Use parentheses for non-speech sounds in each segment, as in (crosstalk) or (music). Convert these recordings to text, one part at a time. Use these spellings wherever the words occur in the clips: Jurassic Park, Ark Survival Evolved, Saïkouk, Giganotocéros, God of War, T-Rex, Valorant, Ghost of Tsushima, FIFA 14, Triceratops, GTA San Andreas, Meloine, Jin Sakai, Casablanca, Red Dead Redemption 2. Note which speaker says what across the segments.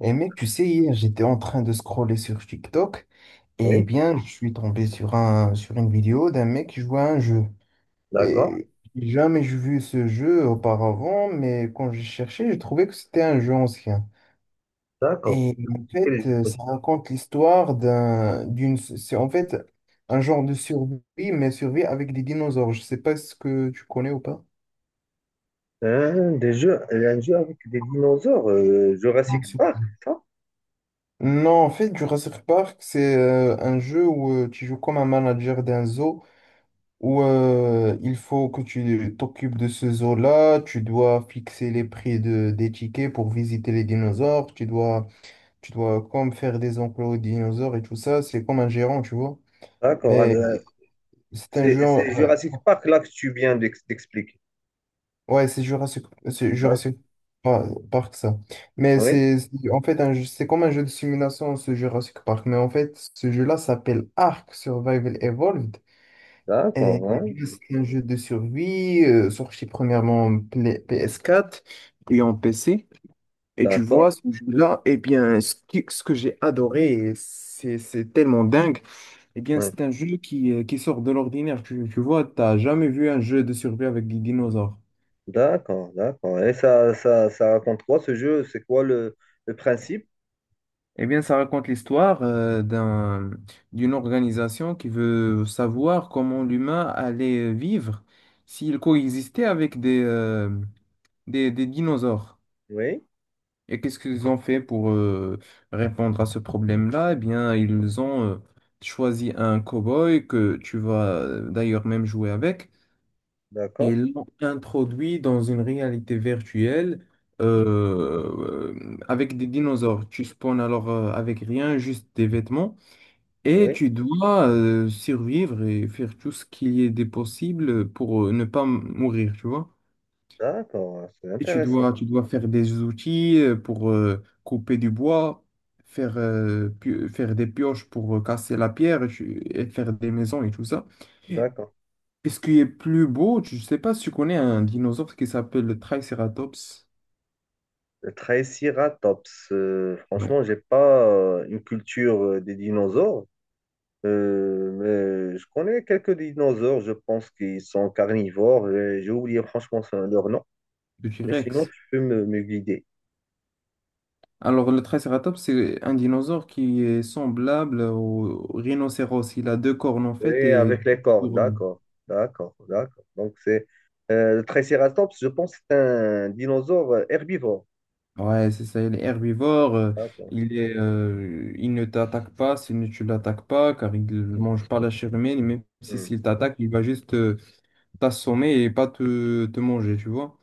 Speaker 1: Et mec, tu sais, hier, j'étais en train de scroller sur TikTok
Speaker 2: Oui,
Speaker 1: et bien, je suis tombé sur une vidéo d'un mec qui jouait à un jeu.
Speaker 2: d'accord,
Speaker 1: Et jamais j'ai vu ce jeu auparavant, mais quand j'ai cherché, j'ai trouvé que c'était un jeu ancien.
Speaker 2: d'accord.
Speaker 1: Et en
Speaker 2: Quel jeu
Speaker 1: fait,
Speaker 2: ça?
Speaker 1: ça raconte l'histoire, c'est en fait un genre de survie, mais survie avec des dinosaures. Je sais pas ce que tu connais ou pas.
Speaker 2: Hein, des jeux, un jeu avec des dinosaures,
Speaker 1: Bien
Speaker 2: Jurassic
Speaker 1: sûr.
Speaker 2: Park, ça?
Speaker 1: Non, en fait, Jurassic Park, c'est un jeu où tu joues comme un manager d'un zoo où il faut que tu t'occupes de ce zoo-là, tu dois fixer des tickets pour visiter les dinosaures, tu dois comme faire des enclos aux dinosaures et tout ça, c'est comme un gérant, tu vois.
Speaker 2: D'accord.
Speaker 1: Mais c'est un jeu...
Speaker 2: C'est c'est
Speaker 1: euh,
Speaker 2: Jurassic Park là que tu viens d'expliquer.
Speaker 1: ouais, c'est
Speaker 2: D'accord.
Speaker 1: Jurassic Par- Park, ça. Mais
Speaker 2: Oui,
Speaker 1: c'est- en fait un jeu- c'est comme un jeu de simulation, ce Jurassic Park. Mais en fait, ce jeu-là s'appelle Ark Survival Evolved. Euh,
Speaker 2: d'accord, hein,
Speaker 1: C'est un jeu de survie sorti premièrement en PS4 et en PC. Et tu
Speaker 2: d'accord,
Speaker 1: vois, ce jeu-là, eh bien, ce que j'ai adoré, et c'est tellement dingue, eh bien,
Speaker 2: ouais,
Speaker 1: c'est un jeu qui sort de l'ordinaire. Tu vois, t'as jamais vu un jeu de survie avec des dinosaures.
Speaker 2: d'accord, d'accord. Et ça raconte quoi ce jeu? C'est quoi le principe?
Speaker 1: Eh bien, ça raconte l'histoire d'une organisation qui veut savoir comment l'humain allait vivre s'il coexistait avec des dinosaures.
Speaker 2: Oui,
Speaker 1: Et qu'est-ce qu'ils ont fait pour répondre à ce problème-là? Eh bien, ils ont choisi un cow-boy que tu vas d'ailleurs même jouer avec et
Speaker 2: d'accord,
Speaker 1: ils l'ont introduit dans une réalité virtuelle avec des dinosaures. Tu spawns alors avec rien, juste des vêtements et
Speaker 2: oui,
Speaker 1: tu dois survivre et faire tout ce qu'il y ait de possible pour ne pas m- mourir, tu vois?
Speaker 2: d'accord, c'est
Speaker 1: Et
Speaker 2: intéressant.
Speaker 1: tu dois faire des outils pour couper du bois, faire des pioches pour casser la pierre et et faire des maisons et tout ça. Et
Speaker 2: D'accord.
Speaker 1: ce qui est plus beau, je ne sais pas si tu connais un dinosaure qui s'appelle le Triceratops.
Speaker 2: Le Triceratops,
Speaker 1: Non,
Speaker 2: franchement, j'ai pas une culture des dinosaures. Euh, mais je connais quelques dinosaures, je pense qu'ils sont carnivores. Et j'ai oublié franchement leur nom.
Speaker 1: le
Speaker 2: Mais sinon,
Speaker 1: T-Rex.
Speaker 2: tu peux me, me guider.
Speaker 1: Alors, le Triceratops, c'est un dinosaure qui est semblable au rhinocéros. Il a deux cornes en fait.
Speaker 2: Oui,
Speaker 1: Et
Speaker 2: avec les cornes, d'accord, d'accord, d'accord. Donc, c'est le Triceratops, je pense que c'est un dinosaure herbivore.
Speaker 1: ouais, c'est ça, il est herbivore,
Speaker 2: D'accord,
Speaker 1: il est, il ne t'attaque pas si tu l'attaques pas, car il ne mange pas la chair humaine, et même si
Speaker 2: hmm,
Speaker 1: s'il t'attaque, il va juste t'assommer et pas te manger, tu vois.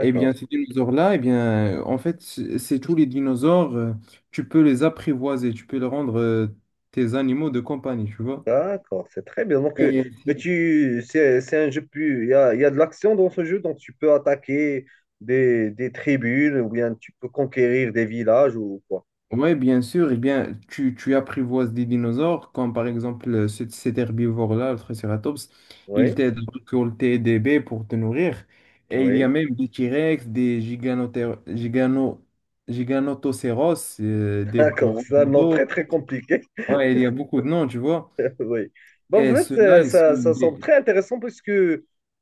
Speaker 1: Eh bien, ces dinosaures-là, eh bien, en fait, c'est tous les dinosaures, tu peux les apprivoiser, tu peux les rendre tes animaux de compagnie, tu vois.
Speaker 2: d'accord, c'est très bien. Donc,
Speaker 1: Et si
Speaker 2: tu, c'est un jeu plus. Il y a de l'action dans ce jeu, donc tu peux attaquer des tribus ou bien tu peux conquérir des villages ou quoi.
Speaker 1: oui, bien sûr. Eh bien, tu apprivoises des dinosaures, comme par exemple cet herbivore-là, le Triceratops. Il
Speaker 2: Oui.
Speaker 1: t'aide à récolter des baies pour te nourrir. Et il y a
Speaker 2: Oui,
Speaker 1: même des T-Rex, giganotocéros,
Speaker 2: (laughs)
Speaker 1: des
Speaker 2: d'accord. Ça, non, très,
Speaker 1: brontos.
Speaker 2: très compliqué.
Speaker 1: Ouais, il y a beaucoup de noms, tu vois.
Speaker 2: (laughs) Oui. Bon, en
Speaker 1: Et
Speaker 2: fait,
Speaker 1: ceux-là, ils sont
Speaker 2: ça semble
Speaker 1: des.
Speaker 2: très intéressant puisque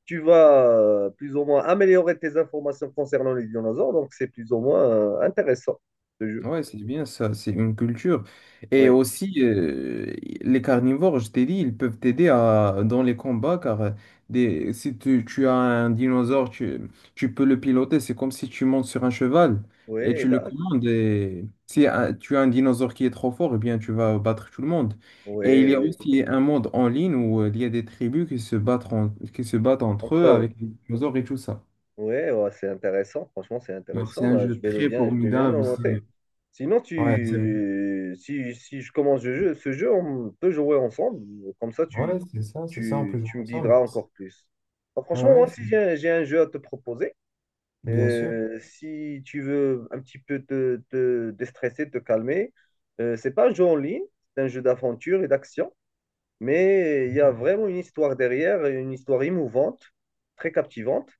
Speaker 2: tu vas plus ou moins améliorer tes informations concernant les dinosaures. Donc, c'est plus ou moins intéressant, ce jeu.
Speaker 1: Ouais, c'est bien ça, c'est une culture. Et
Speaker 2: Oui,
Speaker 1: aussi, les carnivores, je t'ai dit, ils peuvent t'aider dans les combats car si tu as un dinosaure, tu peux le piloter. C'est comme si tu montes sur un cheval et
Speaker 2: oui,
Speaker 1: tu le
Speaker 2: d'accord.
Speaker 1: commandes. Et si tu as un dinosaure qui est trop fort, eh bien, tu vas battre tout le monde. Et
Speaker 2: Oui,
Speaker 1: il y a
Speaker 2: oui.
Speaker 1: aussi un monde en ligne où il y a des tribus qui se battent, qui se battent entre
Speaker 2: Entre
Speaker 1: eux
Speaker 2: eux.
Speaker 1: avec les dinosaures et tout ça.
Speaker 2: Oui, ouais, c'est intéressant. Franchement, c'est
Speaker 1: Alors, c'est
Speaker 2: intéressant.
Speaker 1: un
Speaker 2: Bah,
Speaker 1: jeu très
Speaker 2: je vais bien le
Speaker 1: formidable.
Speaker 2: noter.
Speaker 1: C'est
Speaker 2: Sinon,
Speaker 1: ouais, c'est
Speaker 2: tu, si, si je commence ce jeu, on peut jouer ensemble. Comme ça,
Speaker 1: ouais, c'est ça, on peut jouer
Speaker 2: tu me
Speaker 1: ensemble.
Speaker 2: guideras encore plus. Bah,
Speaker 1: Ah
Speaker 2: franchement,
Speaker 1: ouais,
Speaker 2: moi,
Speaker 1: c'est-
Speaker 2: si j'ai un jeu à te proposer,
Speaker 1: bien sûr.
Speaker 2: si tu veux un petit peu te, te déstresser, te calmer, c'est pas un jeu en ligne, c'est un jeu d'aventure et d'action. Mais il y a vraiment une histoire derrière, une histoire émouvante, très captivante.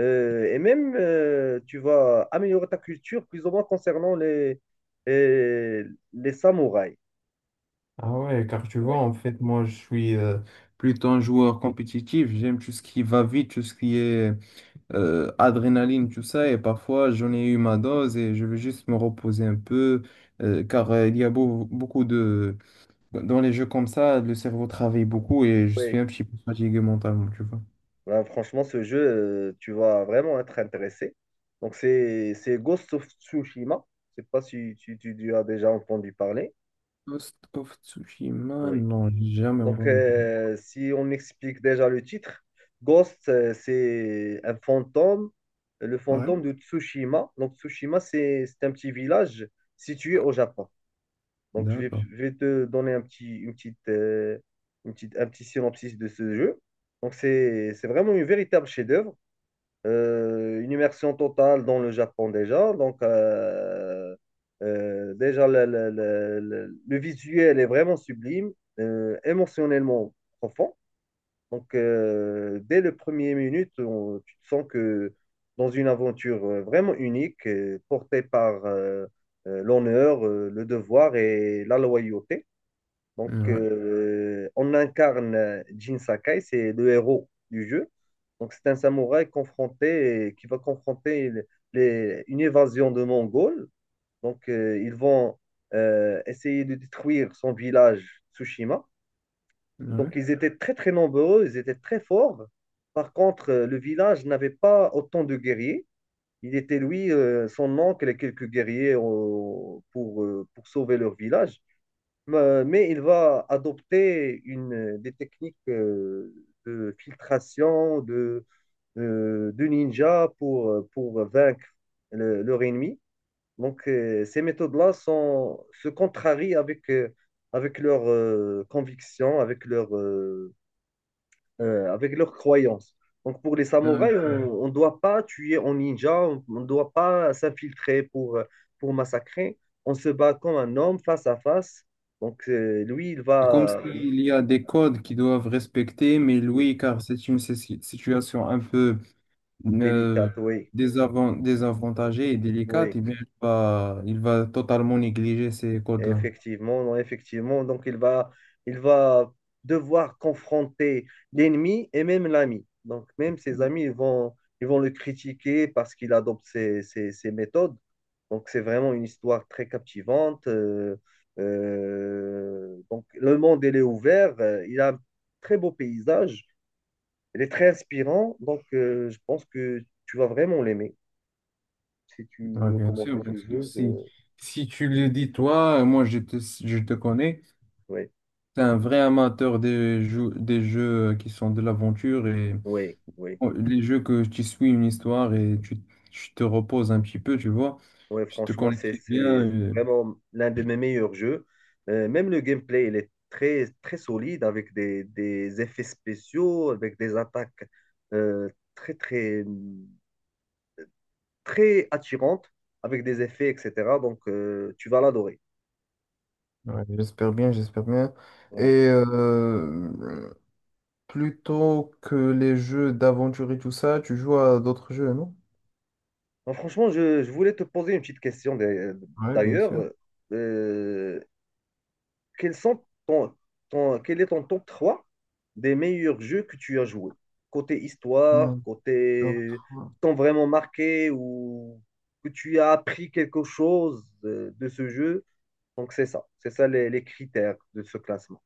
Speaker 2: Et même, tu vas améliorer ta culture plus ou moins concernant les samouraïs.
Speaker 1: Ah ouais, car tu vois,
Speaker 2: Ouais,
Speaker 1: en fait, moi, je suis plutôt un joueur compétitif. J'aime tout ce qui va vite, tout ce qui est adrénaline, tout ça. Et parfois, j'en ai eu ma dose et je veux juste me reposer un peu, car il y a beau- beaucoup de... Dans les jeux comme ça, le cerveau travaille beaucoup et je suis
Speaker 2: ouais.
Speaker 1: un petit peu fatigué mentalement, tu vois.
Speaker 2: Ouais, franchement, ce jeu, tu vas vraiment être intéressé. Donc, c'est Ghost of Tsushima. Je sais pas si tu as déjà entendu parler.
Speaker 1: Ghost of Tsushima,
Speaker 2: Oui.
Speaker 1: non, j'ai jamais
Speaker 2: Donc,
Speaker 1: entendu parler.
Speaker 2: si on explique déjà le titre, Ghost, c'est un fantôme, le fantôme
Speaker 1: Ouais.
Speaker 2: de Tsushima. Donc, Tsushima, c'est un petit village situé au Japon. Donc,
Speaker 1: D'accord.
Speaker 2: je vais te donner une petite, un petit synopsis de ce jeu. Donc, c'est vraiment une véritable chef-d'œuvre une immersion totale dans le Japon déjà. Donc, déjà, le visuel est vraiment sublime, émotionnellement profond. Donc, dès les premières minutes, tu te sens que dans une aventure vraiment unique, portée par l'honneur, le devoir et la loyauté. Donc,
Speaker 1: Ouais.
Speaker 2: on incarne Jin Sakai, c'est le héros du jeu. Donc, c'est un qui va confronter une évasion de Mongols. Donc, ils vont essayer de détruire son village Tsushima. Donc,
Speaker 1: Ouais.
Speaker 2: ils étaient très, très nombreux, ils étaient très forts. Par contre, le village n'avait pas autant de guerriers. Il était, lui, son oncle et quelques guerriers pour sauver leur village. Mais il va adopter des techniques de filtration de ninja pour vaincre leur ennemi. Donc, ces méthodes-là se contrarient avec leurs convictions, avec leurs croyances. Donc pour les
Speaker 1: D'accord.
Speaker 2: samouraïs, on ne doit pas tuer en ninja, on ne doit pas s'infiltrer pour massacrer. On se bat comme un homme face à face. Donc lui, il
Speaker 1: C'est comme
Speaker 2: va...
Speaker 1: s'il y a des codes qu'ils doivent respecter, mais
Speaker 2: Oui,
Speaker 1: lui, car c'est une situation un peu euh,
Speaker 2: délicat, oui,
Speaker 1: désavantagée et délicate,
Speaker 2: oui.
Speaker 1: eh bien, il va totalement négliger ces codes-là.
Speaker 2: Effectivement, non, effectivement. Donc, il va devoir confronter l'ennemi et même l'ami. Donc, même ses amis, ils vont le critiquer parce qu'il adopte ses méthodes. Donc, c'est vraiment une histoire très captivante. Donc, le monde, il est ouvert. Il a un très beau paysage. Il est très inspirant. Donc, je pense que tu vas vraiment l'aimer. Si tu
Speaker 1: Ouais,
Speaker 2: veux
Speaker 1: bien
Speaker 2: commencer
Speaker 1: sûr, bien
Speaker 2: ce
Speaker 1: sûr.
Speaker 2: jeu,
Speaker 1: Si,
Speaker 2: je...
Speaker 1: si tu le dis toi, moi je te connais,
Speaker 2: oui,
Speaker 1: tu es un vrai amateur des jeux qui sont de l'aventure et
Speaker 2: oui, oui.
Speaker 1: oh, les jeux que tu suis une histoire et tu te reposes un petit peu, tu vois.
Speaker 2: Ouais,
Speaker 1: Je te
Speaker 2: franchement,
Speaker 1: connais
Speaker 2: c'est
Speaker 1: très bien.
Speaker 2: c'est vraiment l'un de mes meilleurs jeux. Même le gameplay, il est très, très solide avec des effets spéciaux, avec des attaques euh, très, très, très attirantes, avec des effets, etc. Donc, tu vas l'adorer.
Speaker 1: Ouais, j'espère bien, j'espère bien. Et
Speaker 2: Oui.
Speaker 1: euh, plutôt que les jeux d'aventure et tout ça, tu joues à d'autres jeux, non?
Speaker 2: Donc, franchement, je voulais te poser une petite question
Speaker 1: Ouais, bien
Speaker 2: d'ailleurs.
Speaker 1: sûr.
Speaker 2: Euh, quels sont quel est ton top 3 des meilleurs jeux que tu as joués? Côté histoire,
Speaker 1: Mon top
Speaker 2: côté
Speaker 1: trois.
Speaker 2: t'ont vraiment marqué ou que tu as appris quelque chose ce jeu. Donc c'est ça les critères de ce classement.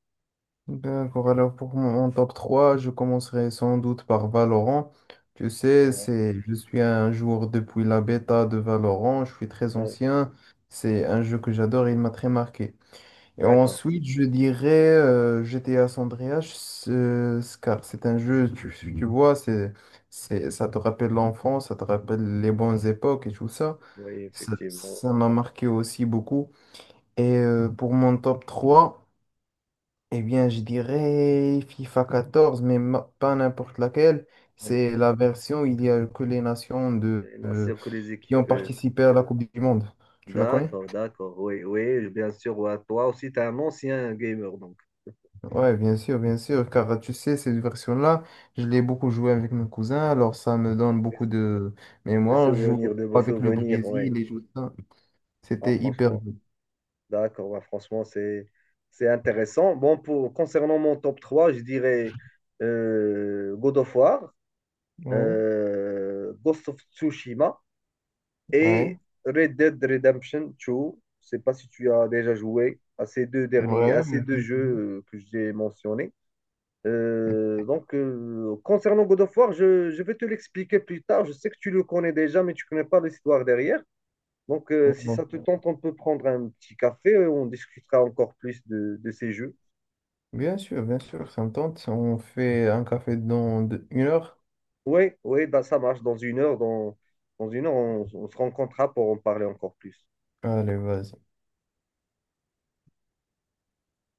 Speaker 1: D'accord, alors pour mon top 3 je commencerai sans doute par Valorant. Tu sais,
Speaker 2: Ouais.
Speaker 1: c'est, je suis un joueur depuis la bêta de Valorant, je suis très
Speaker 2: Ouais,
Speaker 1: ancien. C'est un jeu que j'adore et il m'a très marqué. Et
Speaker 2: d'accord,
Speaker 1: ensuite, je dirais GTA San Andreas, car c'est un jeu, tu vois, c'est, c'est, ça te rappelle l'enfance, ça te rappelle les bonnes époques et tout ça.
Speaker 2: oui,
Speaker 1: Ça,
Speaker 2: effectivement.
Speaker 1: ça m'a marqué aussi beaucoup. Et pour mon top 3 eh bien, je dirais FIFA 14, mais pas n'importe laquelle.
Speaker 2: Oui.
Speaker 1: C'est la version où il y a que les nations
Speaker 2: Et bien sûr que les
Speaker 1: qui ont
Speaker 2: équipes.
Speaker 1: participé à la Coupe du Monde. Tu la connais?
Speaker 2: D'accord, d'accord, oui, oui, bien sûr. Ouais. Toi aussi, tu es un ancien gamer, donc
Speaker 1: Ouais, bien sûr, car tu sais, cette version-là, je l'ai beaucoup joué avec mes cousins, alors ça me donne beaucoup de
Speaker 2: des
Speaker 1: mémoire. Je jouais
Speaker 2: souvenirs, de vos
Speaker 1: avec le
Speaker 2: souvenirs, oui.
Speaker 1: Brésil et tout ça.
Speaker 2: Ah,
Speaker 1: C'était hyper
Speaker 2: franchement.
Speaker 1: bien.
Speaker 2: D'accord, bah, franchement, c'est intéressant. Bon, pour concernant mon top 3, je dirais God of War,
Speaker 1: Ouais,
Speaker 2: Ghost of Tsushima
Speaker 1: ouais,
Speaker 2: et Red Dead Redemption 2. Je sais pas si tu as déjà joué à ces deux derniers,
Speaker 1: ouais.
Speaker 2: à ces
Speaker 1: On
Speaker 2: deux
Speaker 1: dit
Speaker 2: jeux
Speaker 1: toujours.
Speaker 2: que j'ai mentionnés. Donc, concernant God of War, je vais te l'expliquer plus tard. Je sais que tu le connais déjà, mais tu connais pas l'histoire derrière. Donc, si
Speaker 1: Non.
Speaker 2: ça te tente, on peut prendre un petit café, on discutera encore plus de ces jeux.
Speaker 1: Bien sûr, ça me tente. On fait un café dans une heure.
Speaker 2: Oui, oui, bah, ça marche. Dans une heure, dans, dans une heure, on se rencontrera pour en parler encore plus.
Speaker 1: Allez, vas-y.